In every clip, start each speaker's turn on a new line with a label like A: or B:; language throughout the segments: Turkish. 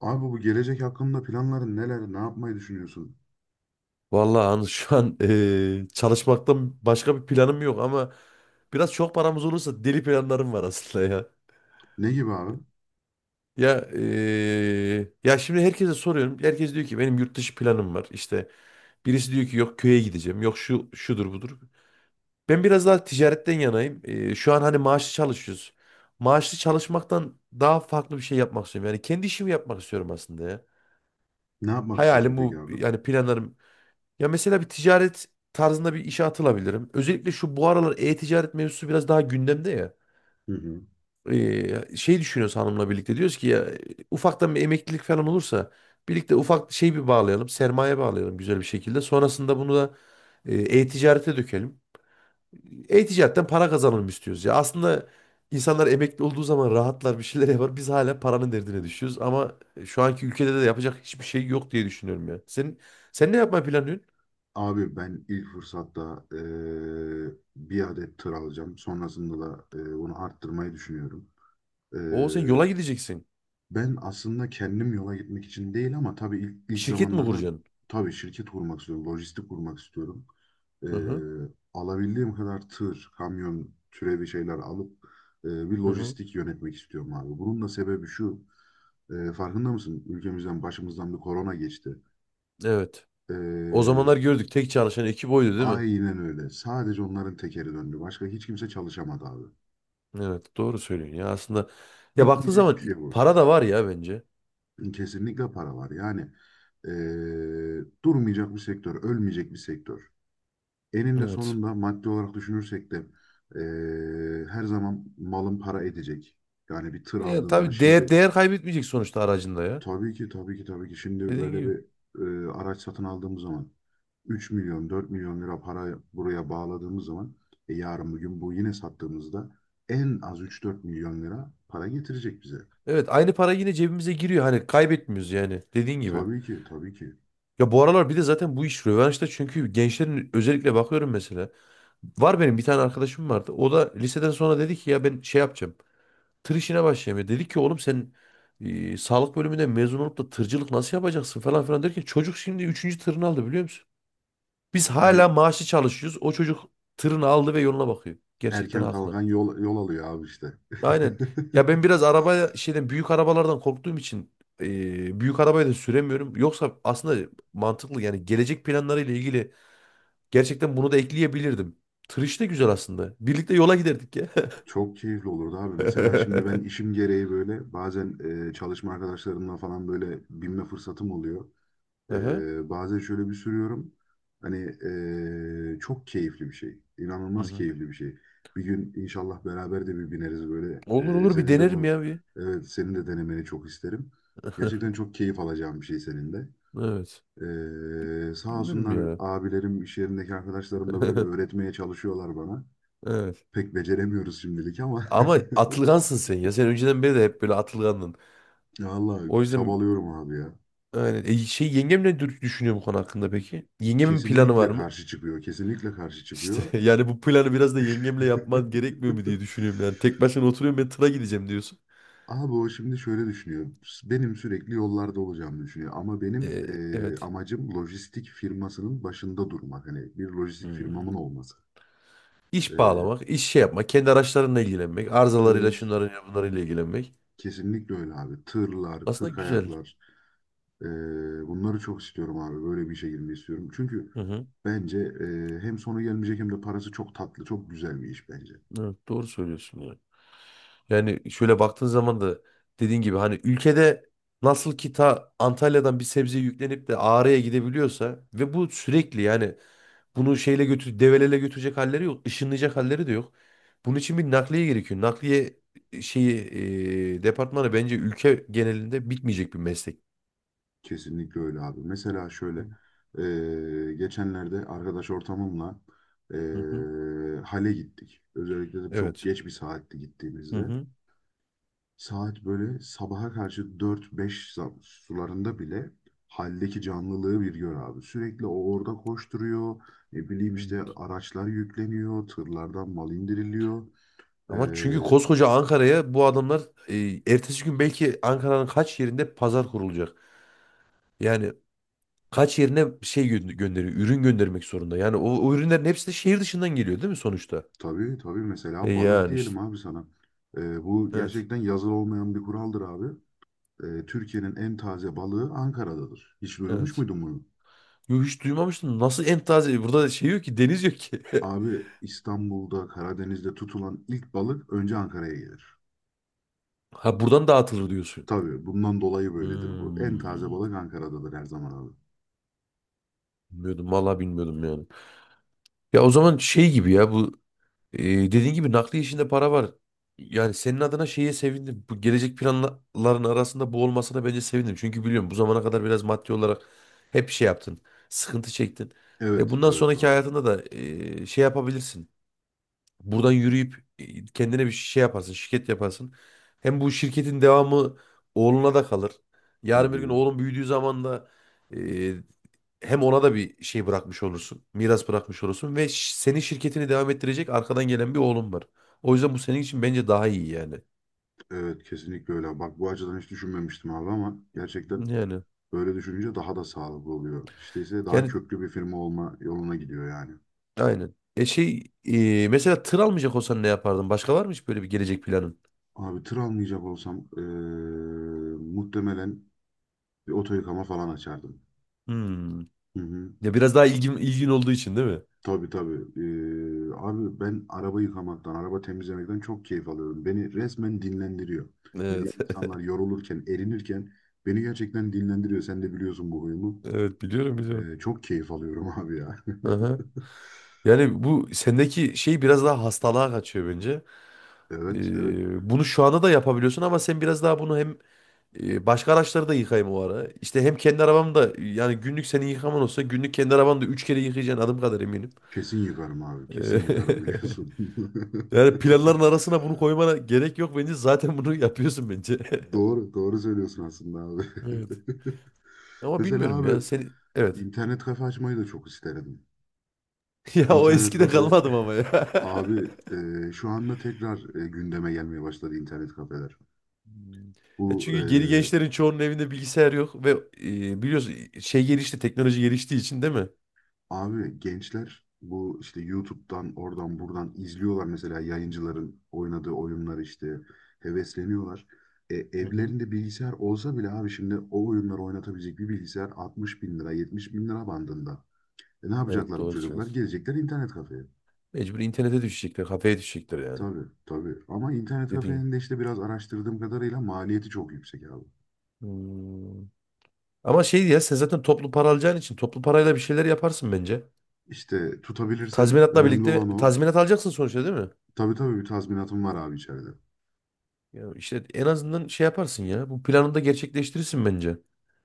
A: Abi bu gelecek hakkında planların neler, ne yapmayı düşünüyorsun?
B: Vallahi Anıl şu an çalışmaktan başka bir planım yok ama biraz çok paramız olursa deli planlarım var aslında ya.
A: Ne gibi abi?
B: Ya ya şimdi herkese soruyorum. Herkes diyor ki benim yurt dışı planım var. İşte birisi diyor ki yok köye gideceğim. Yok şu şudur budur. Ben biraz daha ticaretten yanayım. Şu an hani maaşlı çalışıyoruz. Maaşlı çalışmaktan daha farklı bir şey yapmak istiyorum. Yani kendi işimi yapmak istiyorum aslında ya.
A: Ne yapmak istiyorsun
B: Hayalim
A: peki
B: bu,
A: abi?
B: yani planlarım. Ya mesela bir ticaret tarzında bir işe atılabilirim. Özellikle şu bu aralar e-ticaret mevzusu biraz daha gündemde ya.
A: Hı hı.
B: Şey düşünüyoruz hanımla birlikte, diyoruz ki ya ufaktan bir emeklilik falan olursa birlikte ufak şey bir bağlayalım, sermaye bağlayalım güzel bir şekilde. Sonrasında bunu da e-ticarete dökelim. E-ticaretten para kazanalım istiyoruz ya. Aslında insanlar emekli olduğu zaman rahatlar, bir şeyler yapar. Biz hala paranın derdine düşüyoruz ama şu anki ülkede de yapacak hiçbir şey yok diye düşünüyorum ya. Sen ne yapmayı planlıyorsun?
A: Abi ben ilk fırsatta bir adet tır alacağım. Sonrasında da bunu arttırmayı düşünüyorum.
B: Oo, sen yola gideceksin.
A: Ben aslında kendim yola gitmek için değil ama tabii ilk
B: Şirket mi
A: zamanlarda
B: kuracaksın?
A: tabii şirket kurmak istiyorum, lojistik kurmak istiyorum. Ee,
B: Hı hı.
A: alabildiğim kadar tır, kamyon türevi şeyler alıp bir
B: Hı hı.
A: lojistik yönetmek istiyorum abi. Bunun da sebebi şu, farkında mısın? Ülkemizden başımızdan bir korona geçti.
B: Evet. O
A: Ee,
B: zamanlar gördük, tek çalışan ekip oydu değil mi?
A: aynen öyle. Sadece onların tekeri döndü. Başka hiç kimse çalışamadı abi.
B: Evet, doğru söylüyorsun ya aslında. Ya baktığın
A: Bitmeyecek bir
B: zaman
A: şey bu.
B: para da var ya bence.
A: Kesinlikle para var. Yani durmayacak bir sektör, ölmeyecek bir sektör. Eninde
B: Evet.
A: sonunda maddi olarak düşünürsek de her zaman malın para edecek. Yani bir tır
B: Ya
A: aldığın zaman
B: tabii, değer
A: şimdi
B: değer kaybetmeyecek sonuçta aracında ya.
A: tabii ki tabii ki tabii ki şimdi
B: Dediğin
A: böyle
B: gibi.
A: bir araç satın aldığımız zaman 3 milyon 4 milyon lira para buraya bağladığımız zaman yarın bugün bu yine sattığımızda en az 3-4 milyon lira para getirecek bize.
B: Evet, aynı para yine cebimize giriyor. Hani kaybetmiyoruz yani. Dediğin gibi.
A: Tabii ki tabii ki.
B: Ya bu aralar bir de zaten bu iş rövanşta, çünkü gençlerin özellikle bakıyorum mesela. Var, benim bir tane arkadaşım vardı. O da liseden sonra dedi ki ya ben şey yapacağım, tır işine başlayamıyor. Dedik ki oğlum sen sağlık bölümünden mezun olup da tırcılık nasıl yapacaksın falan filan derken çocuk şimdi üçüncü tırını aldı, biliyor musun? Biz
A: E,
B: hala maaşlı çalışıyoruz. O çocuk tırını aldı ve yoluna bakıyor. Gerçekten
A: Erken
B: haklı.
A: kalkan yol alıyor abi işte.
B: Aynen. Ya ben biraz araba şeyden, büyük arabalardan korktuğum için büyük arabayı da süremiyorum. Yoksa aslında mantıklı, yani gelecek planlarıyla ilgili gerçekten bunu da ekleyebilirdim. Tır işi de güzel aslında. Birlikte yola giderdik ya.
A: Çok keyifli olurdu abi. Mesela şimdi ben işim gereği böyle bazen çalışma arkadaşlarımla falan böyle binme fırsatım oluyor.
B: Aha.
A: Bazen şöyle bir sürüyorum. Hani çok keyifli bir şey.
B: Hı
A: İnanılmaz
B: hı.
A: keyifli bir şey. Bir gün inşallah beraber de bir bineriz böyle.
B: Olur
A: E,
B: olur, bir
A: senin de
B: denerim
A: bu,
B: ya bir.
A: evet, senin de denemeni çok isterim. Gerçekten çok keyif alacağım bir şey senin de.
B: Evet.
A: Sağ
B: Bilmiyorum
A: olsunlar
B: ya.
A: abilerim, iş yerindeki arkadaşlarım da böyle öğretmeye çalışıyorlar bana.
B: Evet.
A: Pek beceremiyoruz şimdilik ama
B: Ama atılgansın sen ya. Sen önceden beri de hep böyle atılgandın.
A: vallahi
B: O yüzden
A: çabalıyorum abi ya.
B: aynen. E, şey, yengem düşünüyor bu konu hakkında peki? Yengemin planı var
A: Kesinlikle
B: mı?
A: karşı çıkıyor, kesinlikle karşı
B: İşte
A: çıkıyor.
B: yani bu planı biraz da yengemle yapman gerekmiyor mu diye düşünüyorum yani. Tek başına oturuyorum, ben tıra gideceğim diyorsun.
A: Abi o şimdi şöyle düşünüyor. Benim sürekli yollarda olacağımı düşünüyor. Ama benim
B: E, evet.
A: amacım lojistik firmasının başında durmak. Hani bir lojistik
B: Hmm.
A: firmamın olması.
B: İş
A: Eee,
B: bağlamak, iş şey yapmak, kendi araçlarınla ilgilenmek, arızalarıyla
A: evet,
B: şunlarıyla bunlarıyla ilgilenmek.
A: kesinlikle öyle abi. Tırlar,
B: Aslında
A: kırk
B: güzel.
A: ayaklar. Ee, bunları çok istiyorum abi. Böyle bir işe girmeyi istiyorum. Çünkü
B: Hı hı.
A: bence hem sonu gelmeyecek hem de parası çok tatlı, çok güzel bir iş bence.
B: Evet, doğru söylüyorsun ya. Yani şöyle baktığın zaman da, dediğin gibi, hani ülkede nasıl ki ta Antalya'dan bir sebze yüklenip de Ağrı'ya gidebiliyorsa ve bu sürekli, yani bunu şeyle götür, develele götürecek halleri yok, ışınlayacak halleri de yok. Bunun için bir nakliye gerekiyor. Nakliye şeyi departmanı bence ülke genelinde bitmeyecek bir meslek.
A: Kesinlikle öyle abi. Mesela şöyle geçenlerde arkadaş ortamımla e,
B: Hı hı.
A: hale gittik. Özellikle de çok
B: Evet.
A: geç bir saatte
B: Hı
A: gittiğimizde.
B: hı.
A: Saat böyle sabaha karşı dört beş sularında bile haldeki canlılığı bir gör abi. Sürekli o orada koşturuyor. Ne bileyim işte
B: Hı.
A: araçlar yükleniyor. Tırlardan mal indiriliyor.
B: Ama çünkü
A: Ee,
B: koskoca Ankara'ya bu adamlar, e, ertesi gün belki Ankara'nın kaç yerinde pazar kurulacak. Yani kaç yerine gönderiyor, ürün göndermek zorunda. Yani o, o ürünlerin hepsi de şehir dışından geliyor değil mi sonuçta?
A: tabii tabii,
B: E
A: mesela balık
B: yani işte.
A: diyelim abi sana. Bu
B: Evet.
A: gerçekten yazılı olmayan bir kuraldır abi. Türkiye'nin en taze balığı Ankara'dadır. Hiç duymuş
B: Evet.
A: muydun bunu?
B: Yo, hiç duymamıştım. Nasıl en taze? Burada şey yok ki, deniz yok ki.
A: Abi İstanbul'da Karadeniz'de tutulan ilk balık önce Ankara'ya gelir.
B: Ha, buradan dağıtılır diyorsun.
A: Tabii bundan dolayı böyledir bu. En taze balık
B: Hmm.
A: Ankara'dadır her zaman abi.
B: Bilmiyordum. Vallahi bilmiyordum yani. Ya o zaman şey gibi ya bu Ee, dediğin gibi nakliye işinde para var. Yani senin adına şeye sevindim. Bu gelecek planların arasında bu olmasına bence sevindim. Çünkü biliyorum, bu zamana kadar biraz maddi olarak hep şey yaptın. Sıkıntı çektin. E,
A: Evet,
B: bundan
A: evet
B: sonraki
A: abi.
B: hayatında da e, şey yapabilirsin. Buradan yürüyüp e, kendine bir şey yaparsın, şirket yaparsın. Hem bu şirketin devamı oğluna da kalır.
A: Hı
B: Yarın bir gün
A: hı.
B: oğlun büyüdüğü zaman da hem ona da bir şey bırakmış olursun. Miras bırakmış olursun ve senin şirketini devam ettirecek arkadan gelen bir oğlun var. O yüzden bu senin için bence daha iyi yani.
A: Evet, kesinlikle öyle. Bak bu açıdan hiç düşünmemiştim abi ama gerçekten
B: Yani
A: böyle düşününce daha da sağlıklı oluyor. İşte ise daha
B: yani
A: köklü bir firma olma yoluna gidiyor yani.
B: aynen. E şey, e, mesela tır almayacak olsan ne yapardın? Başka var mı hiç böyle bir gelecek planın?
A: Abi tır almayacak olsam muhtemelen bir oto yıkama falan açardım.
B: Hmm.
A: Hı hı.
B: Ya biraz daha ilgin olduğu için değil mi?
A: Tabii tabii. Abi ben araba yıkamaktan, araba temizlemekten çok keyif alıyorum. Beni resmen dinlendiriyor. Hani diğer
B: Evet.
A: insanlar yorulurken, erinirken beni gerçekten dinlendiriyor. Sen de biliyorsun bu huyumu.
B: Evet biliyorum, biliyorum.
A: Çok keyif alıyorum abi ya.
B: Aha. Yani bu sendeki şey biraz daha hastalığa kaçıyor bence.
A: Evet, evet.
B: E, bunu şu anda da yapabiliyorsun ama sen biraz daha bunu hem E, başka araçları da yıkayayım o ara. İşte hem kendi arabam da, yani günlük senin yıkaman olsa, günlük kendi arabanı da 3 kere yıkayacaksın adım kadar eminim.
A: Kesin yıkarım abi.
B: E,
A: Kesin yıkarım biliyorsun.
B: yani planların arasına bunu koymana gerek yok bence. Zaten bunu yapıyorsun bence.
A: Doğru, doğru söylüyorsun aslında abi.
B: Evet. Ama
A: Mesela
B: bilmiyorum ya.
A: abi
B: Seni, evet.
A: internet kafe açmayı da çok isterim.
B: Ya o
A: İnternet
B: eskide
A: kafe.
B: kalmadım ama ya.
A: Abi şu anda tekrar gündeme gelmeye başladı internet kafeler.
B: Hmm. Ya
A: Bu
B: çünkü
A: e,
B: geri gençlerin çoğunun evinde bilgisayar yok ve e, biliyorsun, şey gelişti, teknoloji geliştiği için değil mi?
A: abi gençler bu işte YouTube'dan oradan buradan izliyorlar mesela yayıncıların oynadığı oyunları işte hevesleniyorlar. E,
B: Hı hı.
A: evlerinde bilgisayar olsa bile abi şimdi o oyunları oynatabilecek bir bilgisayar 60 bin lira 70 bin lira bandında. Ne
B: Evet,
A: yapacaklar bu
B: doğru
A: çocuklar?
B: söylüyorsun.
A: Gelecekler internet kafeye.
B: Mecbur internete düşecekler, kafeye düşecekler yani.
A: Tabii tabii ama internet
B: Dediğin gibi.
A: kafenin de işte biraz araştırdığım kadarıyla maliyeti çok yüksek abi.
B: Hmm. Ama şey, ya sen zaten toplu para alacağın için toplu parayla bir şeyler yaparsın bence.
A: İşte tutabilirsem
B: Tazminatla
A: önemli
B: birlikte,
A: olan o.
B: tazminat alacaksın sonuçta değil mi?
A: Tabii tabii bir tazminatım var abi içeride.
B: Ya işte en azından şey yaparsın ya. Bu planını da gerçekleştirirsin bence.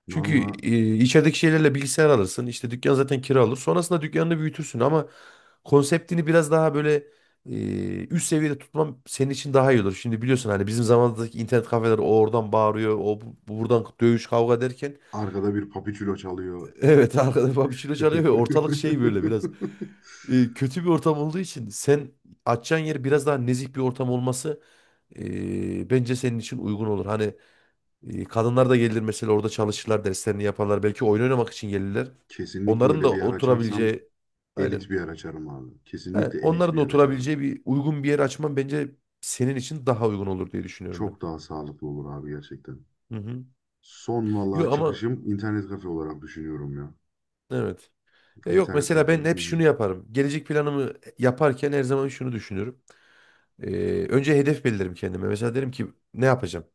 B: Çünkü
A: Valla
B: e, içerideki şeylerle bilgisayar alırsın. İşte dükkan zaten kira alır. Sonrasında dükkanını büyütürsün ama konseptini biraz daha böyle e, üst seviyede tutmam senin için daha iyi olur. Şimdi biliyorsun hani bizim zamanımızdaki internet kafeler, o oradan bağırıyor, buradan dövüş kavga derken
A: arkada bir papiçulo çalıyor.
B: evet, arkada bir çilo çalıyor ve ortalık şey, böyle biraz e, kötü bir ortam olduğu için sen açacağın yer biraz daha nezih bir ortam olması e, bence senin için uygun olur. Hani e, kadınlar da gelir mesela, orada çalışırlar, derslerini yaparlar. Belki oyun oynamak için gelirler.
A: Kesinlikle
B: Onların
A: öyle
B: da
A: bir yer açarsam
B: oturabileceği
A: elit
B: aynen.
A: bir yer açarım abi.
B: He,
A: Kesinlikle elit
B: onların
A: bir
B: da
A: yer açarım.
B: oturabileceği bir uygun bir yer açman bence senin için daha uygun olur diye düşünüyorum ben.
A: Çok daha sağlıklı olur abi gerçekten.
B: Hı hı.
A: Son valla
B: Yok ama
A: çıkışım internet kafe olarak düşünüyorum ya.
B: evet. E, yok
A: İnternet
B: mesela
A: kafe.
B: ben
A: Hı
B: hep şunu
A: hı.
B: yaparım. Gelecek planımı yaparken her zaman şunu düşünüyorum. E, önce hedef belirlerim kendime. Mesela derim ki ne yapacağım?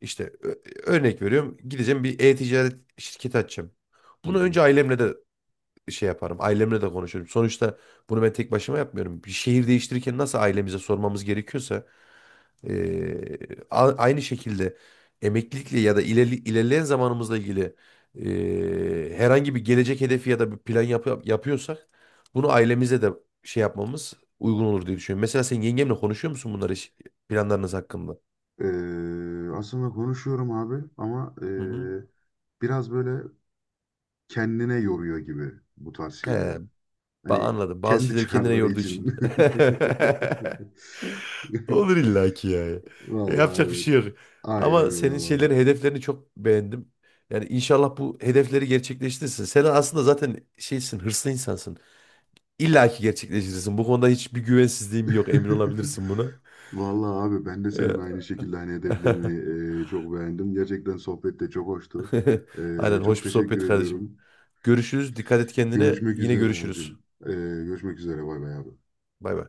B: İşte ö- örnek veriyorum. Gideceğim, bir e-ticaret şirketi açacağım.
A: Hı
B: Bunu önce
A: hı.
B: ailemle de şey yaparım. Ailemle de konuşurum. Sonuçta bunu ben tek başıma yapmıyorum. Bir şehir değiştirirken nasıl ailemize sormamız gerekiyorsa, aynı şekilde emeklilikle ya da ilerleyen zamanımızla ilgili herhangi bir gelecek hedefi ya da bir plan yapıyorsak, bunu ailemize de şey yapmamız uygun olur diye düşünüyorum. Mesela sen yengemle konuşuyor musun bunları, planlarınız hakkında?
A: Aslında konuşuyorum abi ama
B: Hı hı.
A: biraz böyle kendine yoruyor gibi bu tarz şeyleri.
B: He,
A: Hani
B: anladım. Bazı
A: kendi
B: şeyleri kendine
A: çıkarları
B: yorduğu için.
A: için.
B: Olur illaki yani. E,
A: Vallahi
B: yapacak bir şey
A: evet.
B: yok.
A: Aynen
B: Ama
A: öyle
B: senin
A: valla.
B: şeylerin, hedeflerini çok beğendim. Yani inşallah bu hedefleri gerçekleştirirsin. Sen aslında zaten şeysin, hırslı insansın. İlla ki gerçekleştirirsin. Bu konuda hiçbir güvensizliğim yok. Emin olabilirsin buna.
A: Vallahi abi ben de senin aynı
B: Ee,
A: şekilde hani hedeflerini çok beğendim. Gerçekten sohbet de çok hoştu. E,
B: aynen. Hoş
A: çok
B: bir
A: teşekkür
B: sohbet kardeşim.
A: ediyorum.
B: Görüşürüz. Dikkat et kendine.
A: Görüşmek
B: Yine
A: üzere
B: görüşürüz.
A: abicim. Görüşmek üzere bay bay abi.
B: Bay bay.